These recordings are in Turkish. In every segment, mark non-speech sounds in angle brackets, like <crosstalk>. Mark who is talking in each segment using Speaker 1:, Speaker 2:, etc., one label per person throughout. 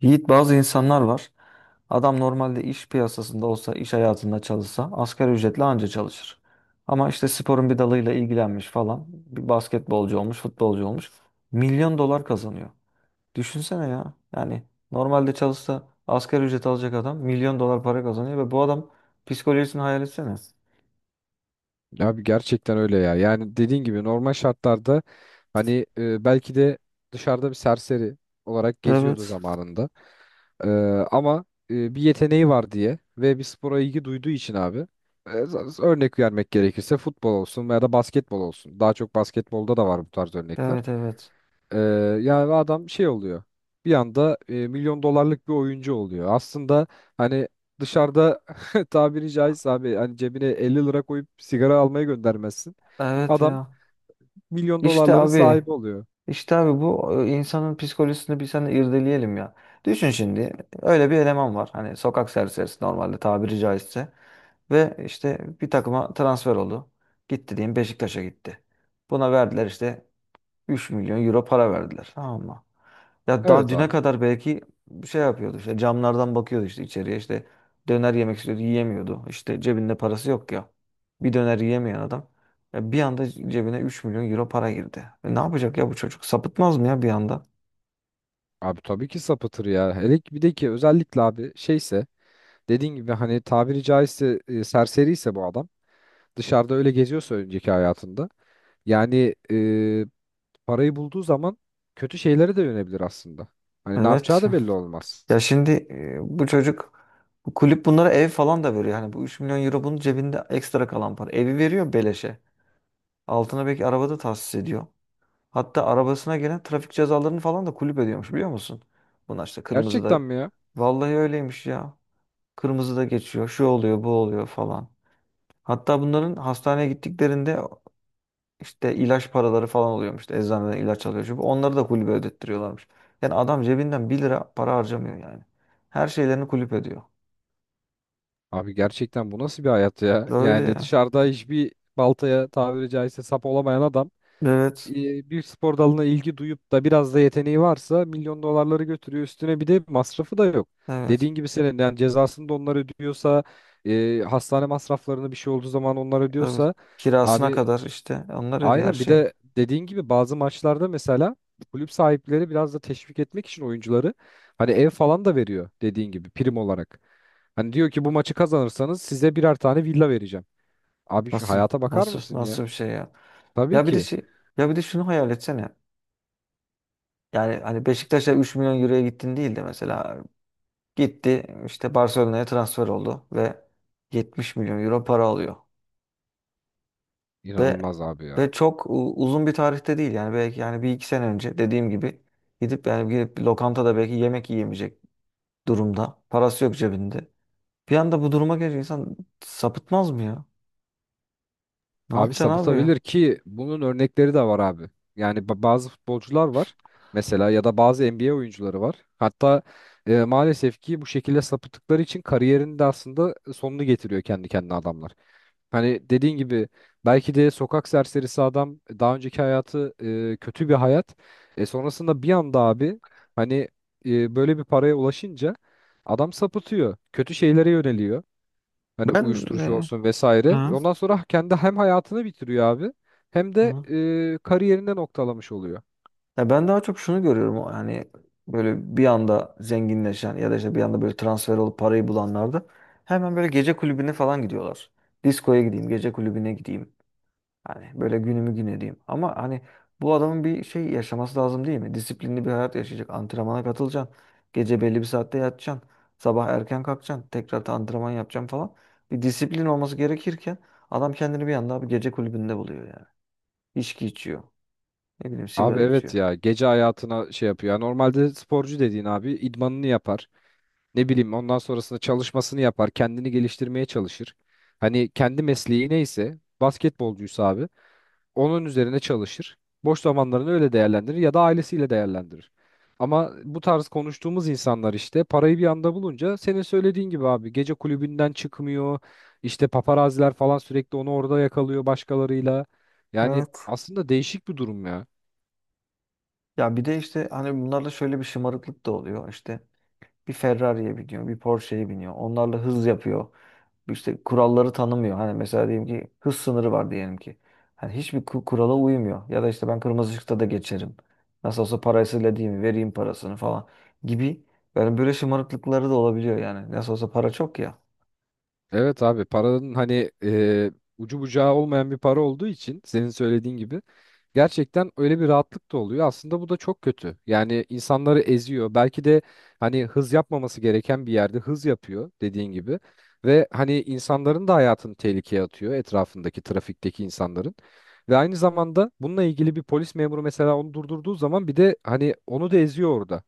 Speaker 1: Yiğit bazı insanlar var. Adam normalde iş piyasasında olsa, iş hayatında çalışsa asgari ücretle anca çalışır. Ama işte sporun bir dalıyla ilgilenmiş falan. Bir basketbolcu olmuş, futbolcu olmuş. Milyon dolar kazanıyor. Düşünsene ya. Yani normalde çalışsa asgari ücret alacak adam milyon dolar para kazanıyor ve bu adam psikolojisini hayal etsene.
Speaker 2: Abi gerçekten öyle ya. Yani dediğin gibi normal şartlarda hani belki de dışarıda bir serseri olarak geziyordu
Speaker 1: Evet.
Speaker 2: zamanında. E, ama bir yeteneği var diye ve bir spora ilgi duyduğu için abi, örnek vermek gerekirse futbol olsun veya da basketbol olsun. Daha çok basketbolda da var bu tarz örnekler.
Speaker 1: Evet evet.
Speaker 2: E, Yani adam şey oluyor. Bir anda milyon dolarlık bir oyuncu oluyor. Aslında hani dışarıda <laughs> tabiri caizse abi hani cebine 50 lira koyup sigara almaya göndermezsin.
Speaker 1: Evet
Speaker 2: Adam
Speaker 1: ya.
Speaker 2: milyon
Speaker 1: İşte
Speaker 2: dolarların
Speaker 1: abi.
Speaker 2: sahibi oluyor.
Speaker 1: İşte abi bu insanın psikolojisini bir sen irdeleyelim ya. Düşün şimdi öyle bir eleman var. Hani sokak serserisi normalde tabiri caizse. Ve işte bir takıma transfer oldu. Gitti diyeyim Beşiktaş'a gitti. Buna verdiler işte 3 milyon euro para verdiler. Tamam mı? Ya daha
Speaker 2: Evet
Speaker 1: düne
Speaker 2: abi.
Speaker 1: kadar belki şey yapıyordu işte camlardan bakıyordu işte içeriye işte döner yemek istiyordu yiyemiyordu. İşte cebinde parası yok ya. Bir döner yiyemeyen adam bir anda cebine 3 milyon euro para girdi. E, ne yapacak ya bu çocuk? Sapıtmaz mı ya bir anda?
Speaker 2: Abi tabii ki sapıtır ya. Hele ki bir de ki özellikle abi şeyse dediğin gibi hani tabiri caizse, serseri ise bu adam dışarıda öyle geziyorsa önceki hayatında, yani, parayı bulduğu zaman kötü şeylere de yönebilir aslında. Hani ne yapacağı
Speaker 1: Evet.
Speaker 2: da belli olmaz.
Speaker 1: Ya şimdi bu çocuk bu kulüp bunlara ev falan da veriyor. Yani bu 3 milyon euro bunun cebinde ekstra kalan para. Evi veriyor beleşe. Altına belki arabada tahsis ediyor. Hatta arabasına gelen trafik cezalarını falan da kulüp ediyormuş biliyor musun? Bunlar işte kırmızıda.
Speaker 2: Gerçekten mi ya?
Speaker 1: Vallahi öyleymiş ya. Kırmızıda geçiyor. Şu oluyor, bu oluyor falan. Hatta bunların hastaneye gittiklerinde işte ilaç paraları falan oluyormuş. İşte eczaneden ilaç alıyor. Şu bu. Onları da kulübe ödettiriyorlarmış. Yani adam cebinden bir lira para harcamıyor yani. Her şeylerini kulüp ediyor.
Speaker 2: Abi gerçekten bu nasıl bir hayat ya?
Speaker 1: Böyle
Speaker 2: Yani
Speaker 1: ya.
Speaker 2: dışarıda hiçbir baltaya tabiri caizse sap olamayan adam,
Speaker 1: Evet.
Speaker 2: bir spor dalına ilgi duyup da biraz da yeteneği varsa milyon dolarları götürüyor. Üstüne bir de masrafı da yok.
Speaker 1: Evet.
Speaker 2: Dediğin gibi senin yani cezasını da onlar ödüyorsa, hastane masraflarını bir şey olduğu zaman onlar
Speaker 1: Tabii.
Speaker 2: ödüyorsa
Speaker 1: Kirasına
Speaker 2: abi,
Speaker 1: kadar işte onlar ödüyor her
Speaker 2: aynen bir
Speaker 1: şeyi.
Speaker 2: de dediğin gibi bazı maçlarda mesela kulüp sahipleri biraz da teşvik etmek için oyuncuları hani ev falan da veriyor dediğin gibi prim olarak. Hani diyor ki bu maçı kazanırsanız size birer tane villa vereceğim. Abi şu
Speaker 1: Nasıl
Speaker 2: hayata bakar
Speaker 1: nasıl
Speaker 2: mısın ya?
Speaker 1: nasıl bir şey ya?
Speaker 2: Tabii
Speaker 1: Ya bir de
Speaker 2: ki.
Speaker 1: şey, ya bir de şunu hayal etsene. Yani hani Beşiktaş'a 3 milyon euroya gittin değil de mesela gitti işte Barcelona'ya transfer oldu ve 70 milyon euro para alıyor. Ve
Speaker 2: İnanılmaz abi ya.
Speaker 1: ve çok uzun bir tarihte değil yani belki yani bir iki sene önce dediğim gibi gidip yani gidip bir lokantada belki yemek yiyemeyecek durumda. Parası yok cebinde. Bir anda bu duruma gelince insan sapıtmaz mı ya? Ne
Speaker 2: Abi
Speaker 1: yapacaksın abi ya?
Speaker 2: sapıtabilir ki bunun örnekleri de var abi. Yani bazı futbolcular var mesela ya da bazı NBA oyuncuları var. Hatta maalesef ki bu şekilde sapıttıkları için kariyerinin de aslında sonunu getiriyor kendi kendine adamlar. Hani dediğin gibi belki de sokak serserisi adam daha önceki hayatı, kötü bir hayat. Sonrasında bir anda abi hani, böyle bir paraya ulaşınca adam sapıtıyor. Kötü şeylere yöneliyor. Hani
Speaker 1: Ben
Speaker 2: uyuşturucu
Speaker 1: e,
Speaker 2: olsun vesaire.
Speaker 1: Hı.
Speaker 2: Ondan sonra kendi hem hayatını bitiriyor abi, hem de
Speaker 1: Hı.
Speaker 2: kariyerinde noktalamış oluyor.
Speaker 1: Ya ben daha çok şunu görüyorum hani böyle bir anda zenginleşen ya da işte bir anda böyle transfer olup parayı bulanlarda hemen böyle gece kulübüne falan gidiyorlar. Diskoya gideyim, gece kulübüne gideyim. Hani böyle günümü gün edeyim. Ama hani bu adamın bir şey yaşaması lazım değil mi? Disiplinli bir hayat yaşayacak. Antrenmana katılacaksın. Gece belli bir saatte yatacaksın. Sabah erken kalkacaksın. Tekrar da antrenman yapacaksın falan. Bir disiplin olması gerekirken adam kendini bir anda bir gece kulübünde buluyor yani. İçki içiyor. Ne bileyim
Speaker 2: Abi
Speaker 1: sigara
Speaker 2: evet
Speaker 1: içiyor.
Speaker 2: ya, gece hayatına şey yapıyor. Ya normalde sporcu dediğin abi idmanını yapar. Ne bileyim ondan sonrasında çalışmasını yapar, kendini geliştirmeye çalışır. Hani kendi mesleği neyse basketbolcuysa abi onun üzerine çalışır. Boş zamanlarını öyle değerlendirir ya da ailesiyle değerlendirir. Ama bu tarz konuştuğumuz insanlar işte parayı bir anda bulunca senin söylediğin gibi abi gece kulübünden çıkmıyor. İşte paparaziler falan sürekli onu orada yakalıyor başkalarıyla. Yani aslında değişik bir durum ya.
Speaker 1: Ya bir de işte hani bunlarda şöyle bir şımarıklık da oluyor. İşte bir Ferrari'ye biniyor, bir Porsche'ye biniyor. Onlarla hız yapıyor. İşte kuralları tanımıyor. Hani mesela diyelim ki hız sınırı var diyelim ki. Hani hiçbir kurala uymuyor. Ya da işte ben kırmızı ışıkta da geçerim. Nasıl olsa parasıyla değil mi? Vereyim parasını falan gibi. Yani böyle şımarıklıkları da olabiliyor yani. Nasıl olsa para çok ya.
Speaker 2: Evet abi, paranın hani, ucu bucağı olmayan bir para olduğu için senin söylediğin gibi gerçekten öyle bir rahatlık da oluyor. Aslında bu da çok kötü. Yani insanları eziyor. Belki de hani hız yapmaması gereken bir yerde hız yapıyor dediğin gibi. Ve hani insanların da hayatını tehlikeye atıyor, etrafındaki trafikteki insanların. Ve aynı zamanda bununla ilgili bir polis memuru mesela onu durdurduğu zaman bir de hani onu da eziyor orada.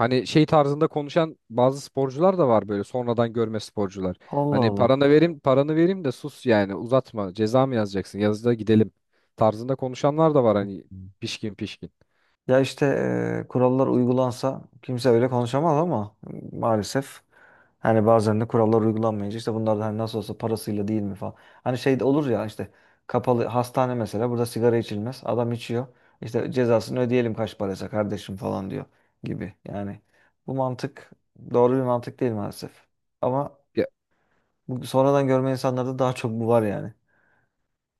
Speaker 2: Hani şey tarzında konuşan bazı sporcular da var, böyle sonradan görme sporcular. Hani
Speaker 1: Allah
Speaker 2: paranı vereyim, paranı vereyim de sus yani, uzatma. Ceza mı yazacaksın? Yazıda gidelim tarzında konuşanlar da var
Speaker 1: Allah.
Speaker 2: hani, pişkin pişkin.
Speaker 1: Ya işte kurallar uygulansa kimse öyle konuşamaz ama maalesef hani bazen de kurallar uygulanmayınca işte bunlar da hani nasıl olsa parasıyla değil mi falan. Hani şey de olur ya işte kapalı hastane mesela burada sigara içilmez. Adam içiyor. İşte cezasını ödeyelim kaç paraysa kardeşim falan diyor gibi. Yani bu mantık doğru bir mantık değil maalesef. Ama bu sonradan görme insanlarda daha çok bu var yani.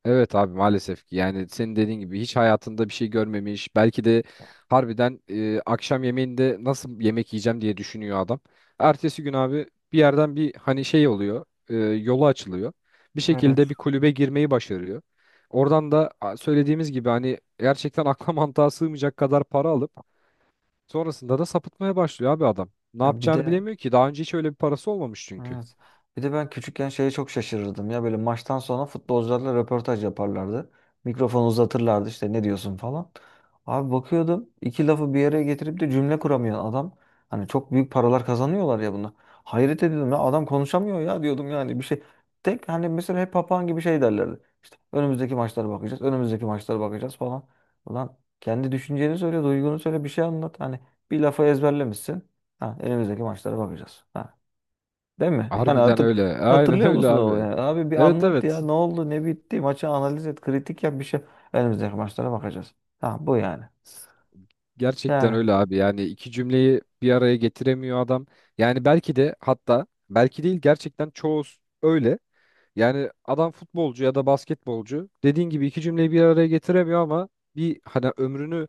Speaker 2: Evet abi, maalesef ki yani senin dediğin gibi hiç hayatında bir şey görmemiş belki de, harbiden, akşam yemeğinde nasıl yemek yiyeceğim diye düşünüyor adam. Ertesi gün abi bir yerden bir hani şey oluyor, yolu açılıyor bir şekilde, bir
Speaker 1: Evet.
Speaker 2: kulübe girmeyi başarıyor. Oradan da söylediğimiz gibi hani gerçekten <laughs> akla mantığa sığmayacak kadar para alıp sonrasında da sapıtmaya başlıyor abi adam. Ne
Speaker 1: Ya bir
Speaker 2: yapacağını
Speaker 1: de
Speaker 2: bilemiyor ki daha önce hiç öyle bir parası olmamış çünkü.
Speaker 1: Evet. Bir de ben küçükken şeye çok şaşırırdım ya böyle maçtan sonra futbolcularla röportaj yaparlardı. Mikrofonu uzatırlardı işte ne diyorsun falan. Abi bakıyordum iki lafı bir araya getirip de cümle kuramıyor adam. Hani çok büyük paralar kazanıyorlar ya bunu. Hayret ediyordum ya adam konuşamıyor ya diyordum yani bir şey. Tek hani mesela hep papağan gibi şey derlerdi. İşte önümüzdeki maçlara bakacağız, önümüzdeki maçlara bakacağız falan. Ulan kendi düşünceni söyle, duygunu söyle bir şey anlat. Hani bir lafı ezberlemişsin. Ha, önümüzdeki maçlara bakacağız. Ha. Değil mi? <laughs> Yani
Speaker 2: Harbiden öyle, <laughs> aynen
Speaker 1: hatırlıyor
Speaker 2: öyle
Speaker 1: musun o
Speaker 2: abi.
Speaker 1: yani? Abi bir
Speaker 2: Evet,
Speaker 1: anlat
Speaker 2: evet.
Speaker 1: ya ne oldu ne bitti maçı analiz et kritik yap bir şey. Önümüzdeki maçlara bakacağız. Ha bu yani.
Speaker 2: Gerçekten
Speaker 1: Yani
Speaker 2: öyle abi. Yani iki cümleyi bir araya getiremiyor adam. Yani belki de, hatta belki değil gerçekten, öyle. Yani adam futbolcu ya da basketbolcu dediğin gibi iki cümleyi bir araya getiremiyor ama bir hani ömrünü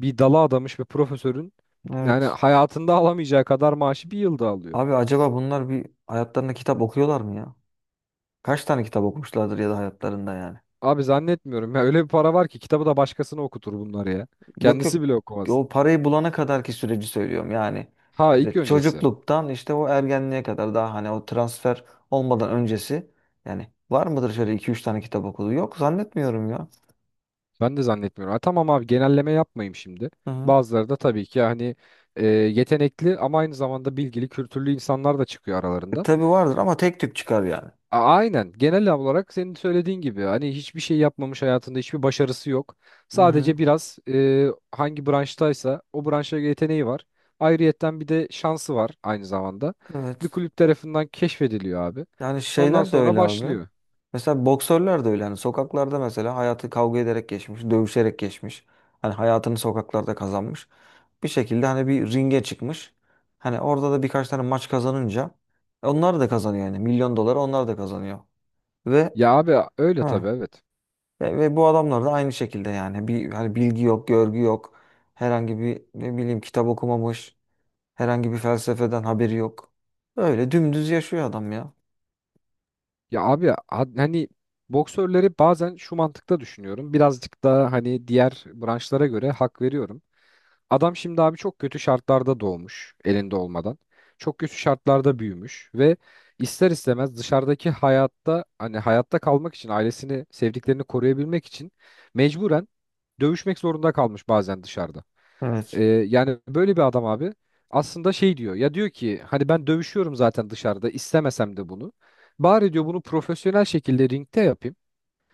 Speaker 2: bir dala adamış bir profesörün yani
Speaker 1: evet.
Speaker 2: hayatında alamayacağı kadar maaşı bir yılda alıyor.
Speaker 1: Abi acaba bunlar bir hayatlarında kitap okuyorlar mı ya? Kaç tane kitap okumuşlardır ya da hayatlarında yani?
Speaker 2: Abi zannetmiyorum ya, öyle bir para var ki kitabı da başkasına okutur bunları ya.
Speaker 1: Yok yok.
Speaker 2: Kendisi bile okumaz.
Speaker 1: O parayı bulana kadarki süreci söylüyorum yani.
Speaker 2: Ha, ilk
Speaker 1: İşte
Speaker 2: öncesi.
Speaker 1: çocukluktan işte o ergenliğe kadar daha hani o transfer olmadan öncesi yani var mıdır şöyle iki üç tane kitap okudu? Yok zannetmiyorum ya.
Speaker 2: Ben de zannetmiyorum. Ha, tamam abi, genelleme yapmayayım şimdi.
Speaker 1: Hı hı.
Speaker 2: Bazıları da tabii ki hani, yetenekli ama aynı zamanda bilgili, kültürlü insanlar da çıkıyor aralarından.
Speaker 1: Tabii vardır ama tek tük çıkar yani.
Speaker 2: Aynen, genel olarak senin söylediğin gibi hani hiçbir şey yapmamış hayatında, hiçbir başarısı yok.
Speaker 1: Hı hı.
Speaker 2: Sadece biraz, hangi branştaysa o branşa yeteneği var. Ayrıyetten bir de şansı var aynı zamanda. Bir
Speaker 1: Evet.
Speaker 2: kulüp tarafından keşfediliyor abi.
Speaker 1: Yani
Speaker 2: Ondan
Speaker 1: şeyler de
Speaker 2: sonra
Speaker 1: öyle abi.
Speaker 2: başlıyor.
Speaker 1: Mesela boksörler de öyle. Hani sokaklarda mesela hayatı kavga ederek geçmiş, dövüşerek geçmiş. Hani hayatını sokaklarda kazanmış. Bir şekilde hani bir ringe çıkmış. Hani orada da birkaç tane maç kazanınca onlar da kazanıyor yani. Milyon doları onlar da kazanıyor. Ve
Speaker 2: Ya abi öyle
Speaker 1: ha,
Speaker 2: tabii, evet.
Speaker 1: ve bu adamlar da aynı şekilde yani bir hani bilgi yok, görgü yok. Herhangi bir ne bileyim kitap okumamış. Herhangi bir felsefeden haberi yok. Öyle dümdüz yaşıyor adam ya.
Speaker 2: Ya abi, hani boksörleri bazen şu mantıkta düşünüyorum. Birazcık daha hani diğer branşlara göre hak veriyorum. Adam şimdi abi çok kötü şartlarda doğmuş elinde olmadan. Çok kötü şartlarda büyümüş ve ister istemez dışarıdaki hayatta hani hayatta kalmak için ailesini, sevdiklerini koruyabilmek için mecburen dövüşmek zorunda kalmış bazen dışarıda.
Speaker 1: Evet.
Speaker 2: Yani böyle bir adam abi aslında şey diyor ya, diyor ki hani ben dövüşüyorum zaten dışarıda istemesem de bunu. Bari diyor bunu profesyonel şekilde ringte yapayım.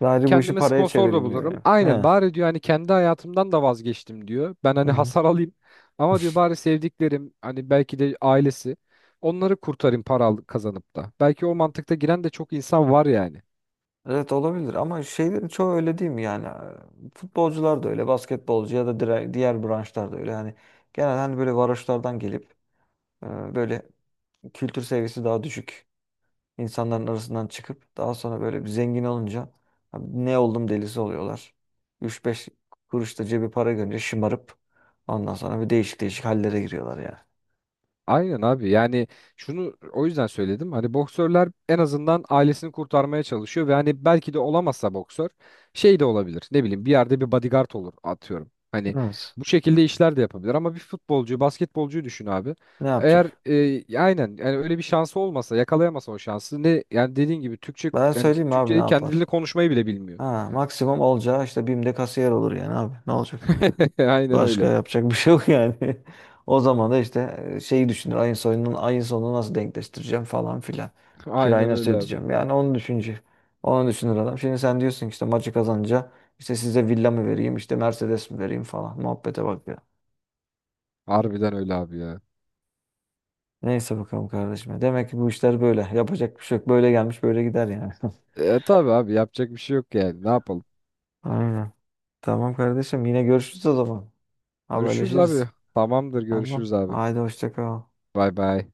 Speaker 1: Sadece bu işi
Speaker 2: Kendime
Speaker 1: paraya
Speaker 2: sponsor da
Speaker 1: çevireyim diyor
Speaker 2: bulurum.
Speaker 1: ya.
Speaker 2: Aynen,
Speaker 1: He.
Speaker 2: bari diyor hani kendi hayatımdan da vazgeçtim diyor. Ben
Speaker 1: Hı
Speaker 2: hani
Speaker 1: hı.
Speaker 2: hasar alayım ama diyor bari sevdiklerim hani belki de ailesi, onları kurtarayım para kazanıp da. Belki o mantıkta giren de çok insan var yani.
Speaker 1: Evet olabilir ama şeylerin çoğu öyle değil mi yani? Futbolcular da öyle, basketbolcu ya da diğer branşlar da öyle. Yani genelde hani böyle varoşlardan gelip e, böyle kültür seviyesi daha düşük İnsanların arasından çıkıp daha sonra böyle bir zengin olunca "Abi ne oldum" delisi oluyorlar. Üç beş kuruş da cebi para görünce şımarıp ondan sonra bir değişik değişik hallere giriyorlar yani.
Speaker 2: Aynen abi, yani şunu o yüzden söyledim hani boksörler en azından ailesini kurtarmaya çalışıyor ve hani belki de olamazsa boksör, şey de olabilir, ne bileyim bir yerde bir bodyguard olur atıyorum. Hani
Speaker 1: Evet.
Speaker 2: bu şekilde işler de yapabilir ama bir futbolcuyu, basketbolcuyu düşün abi.
Speaker 1: Ne
Speaker 2: Eğer,
Speaker 1: yapacak?
Speaker 2: aynen yani öyle bir şansı olmasa, yakalayamasa o şansı, ne yani, dediğin gibi Türkçe,
Speaker 1: Ben
Speaker 2: yani
Speaker 1: söyleyeyim mi abi ne
Speaker 2: Türkçeyi, kendi dilini
Speaker 1: yapar?
Speaker 2: konuşmayı bile bilmiyor.
Speaker 1: Ha, maksimum olacağı işte BİM'de kasiyer olur yani abi. Ne olacak?
Speaker 2: <laughs> Aynen
Speaker 1: Başka
Speaker 2: öyle
Speaker 1: yapacak bir şey yok yani. <laughs> O zaman da işte şeyi düşünür. Ayın sonunu nasıl denkleştireceğim falan filan. Kirayı
Speaker 2: aynen
Speaker 1: nasıl
Speaker 2: öyle abi,
Speaker 1: ödeyeceğim? Yani onu düşünce. Onu düşünür adam. Şimdi sen diyorsun ki işte maçı kazanınca işte size villa mı vereyim, işte Mercedes mi vereyim falan. Muhabbete bak ya.
Speaker 2: harbiden öyle abi ya.
Speaker 1: Neyse bakalım kardeşim. Demek ki bu işler böyle. Yapacak bir şey yok. Böyle gelmiş, böyle gider yani. <laughs>
Speaker 2: Tabii abi yapacak bir şey yok yani, ne yapalım.
Speaker 1: Aynen. Tamam kardeşim. Yine görüşürüz o zaman.
Speaker 2: Görüşürüz
Speaker 1: Haberleşiriz.
Speaker 2: abi. Tamamdır, görüşürüz
Speaker 1: Tamam.
Speaker 2: abi.
Speaker 1: Haydi hoşça kal.
Speaker 2: Bay bay.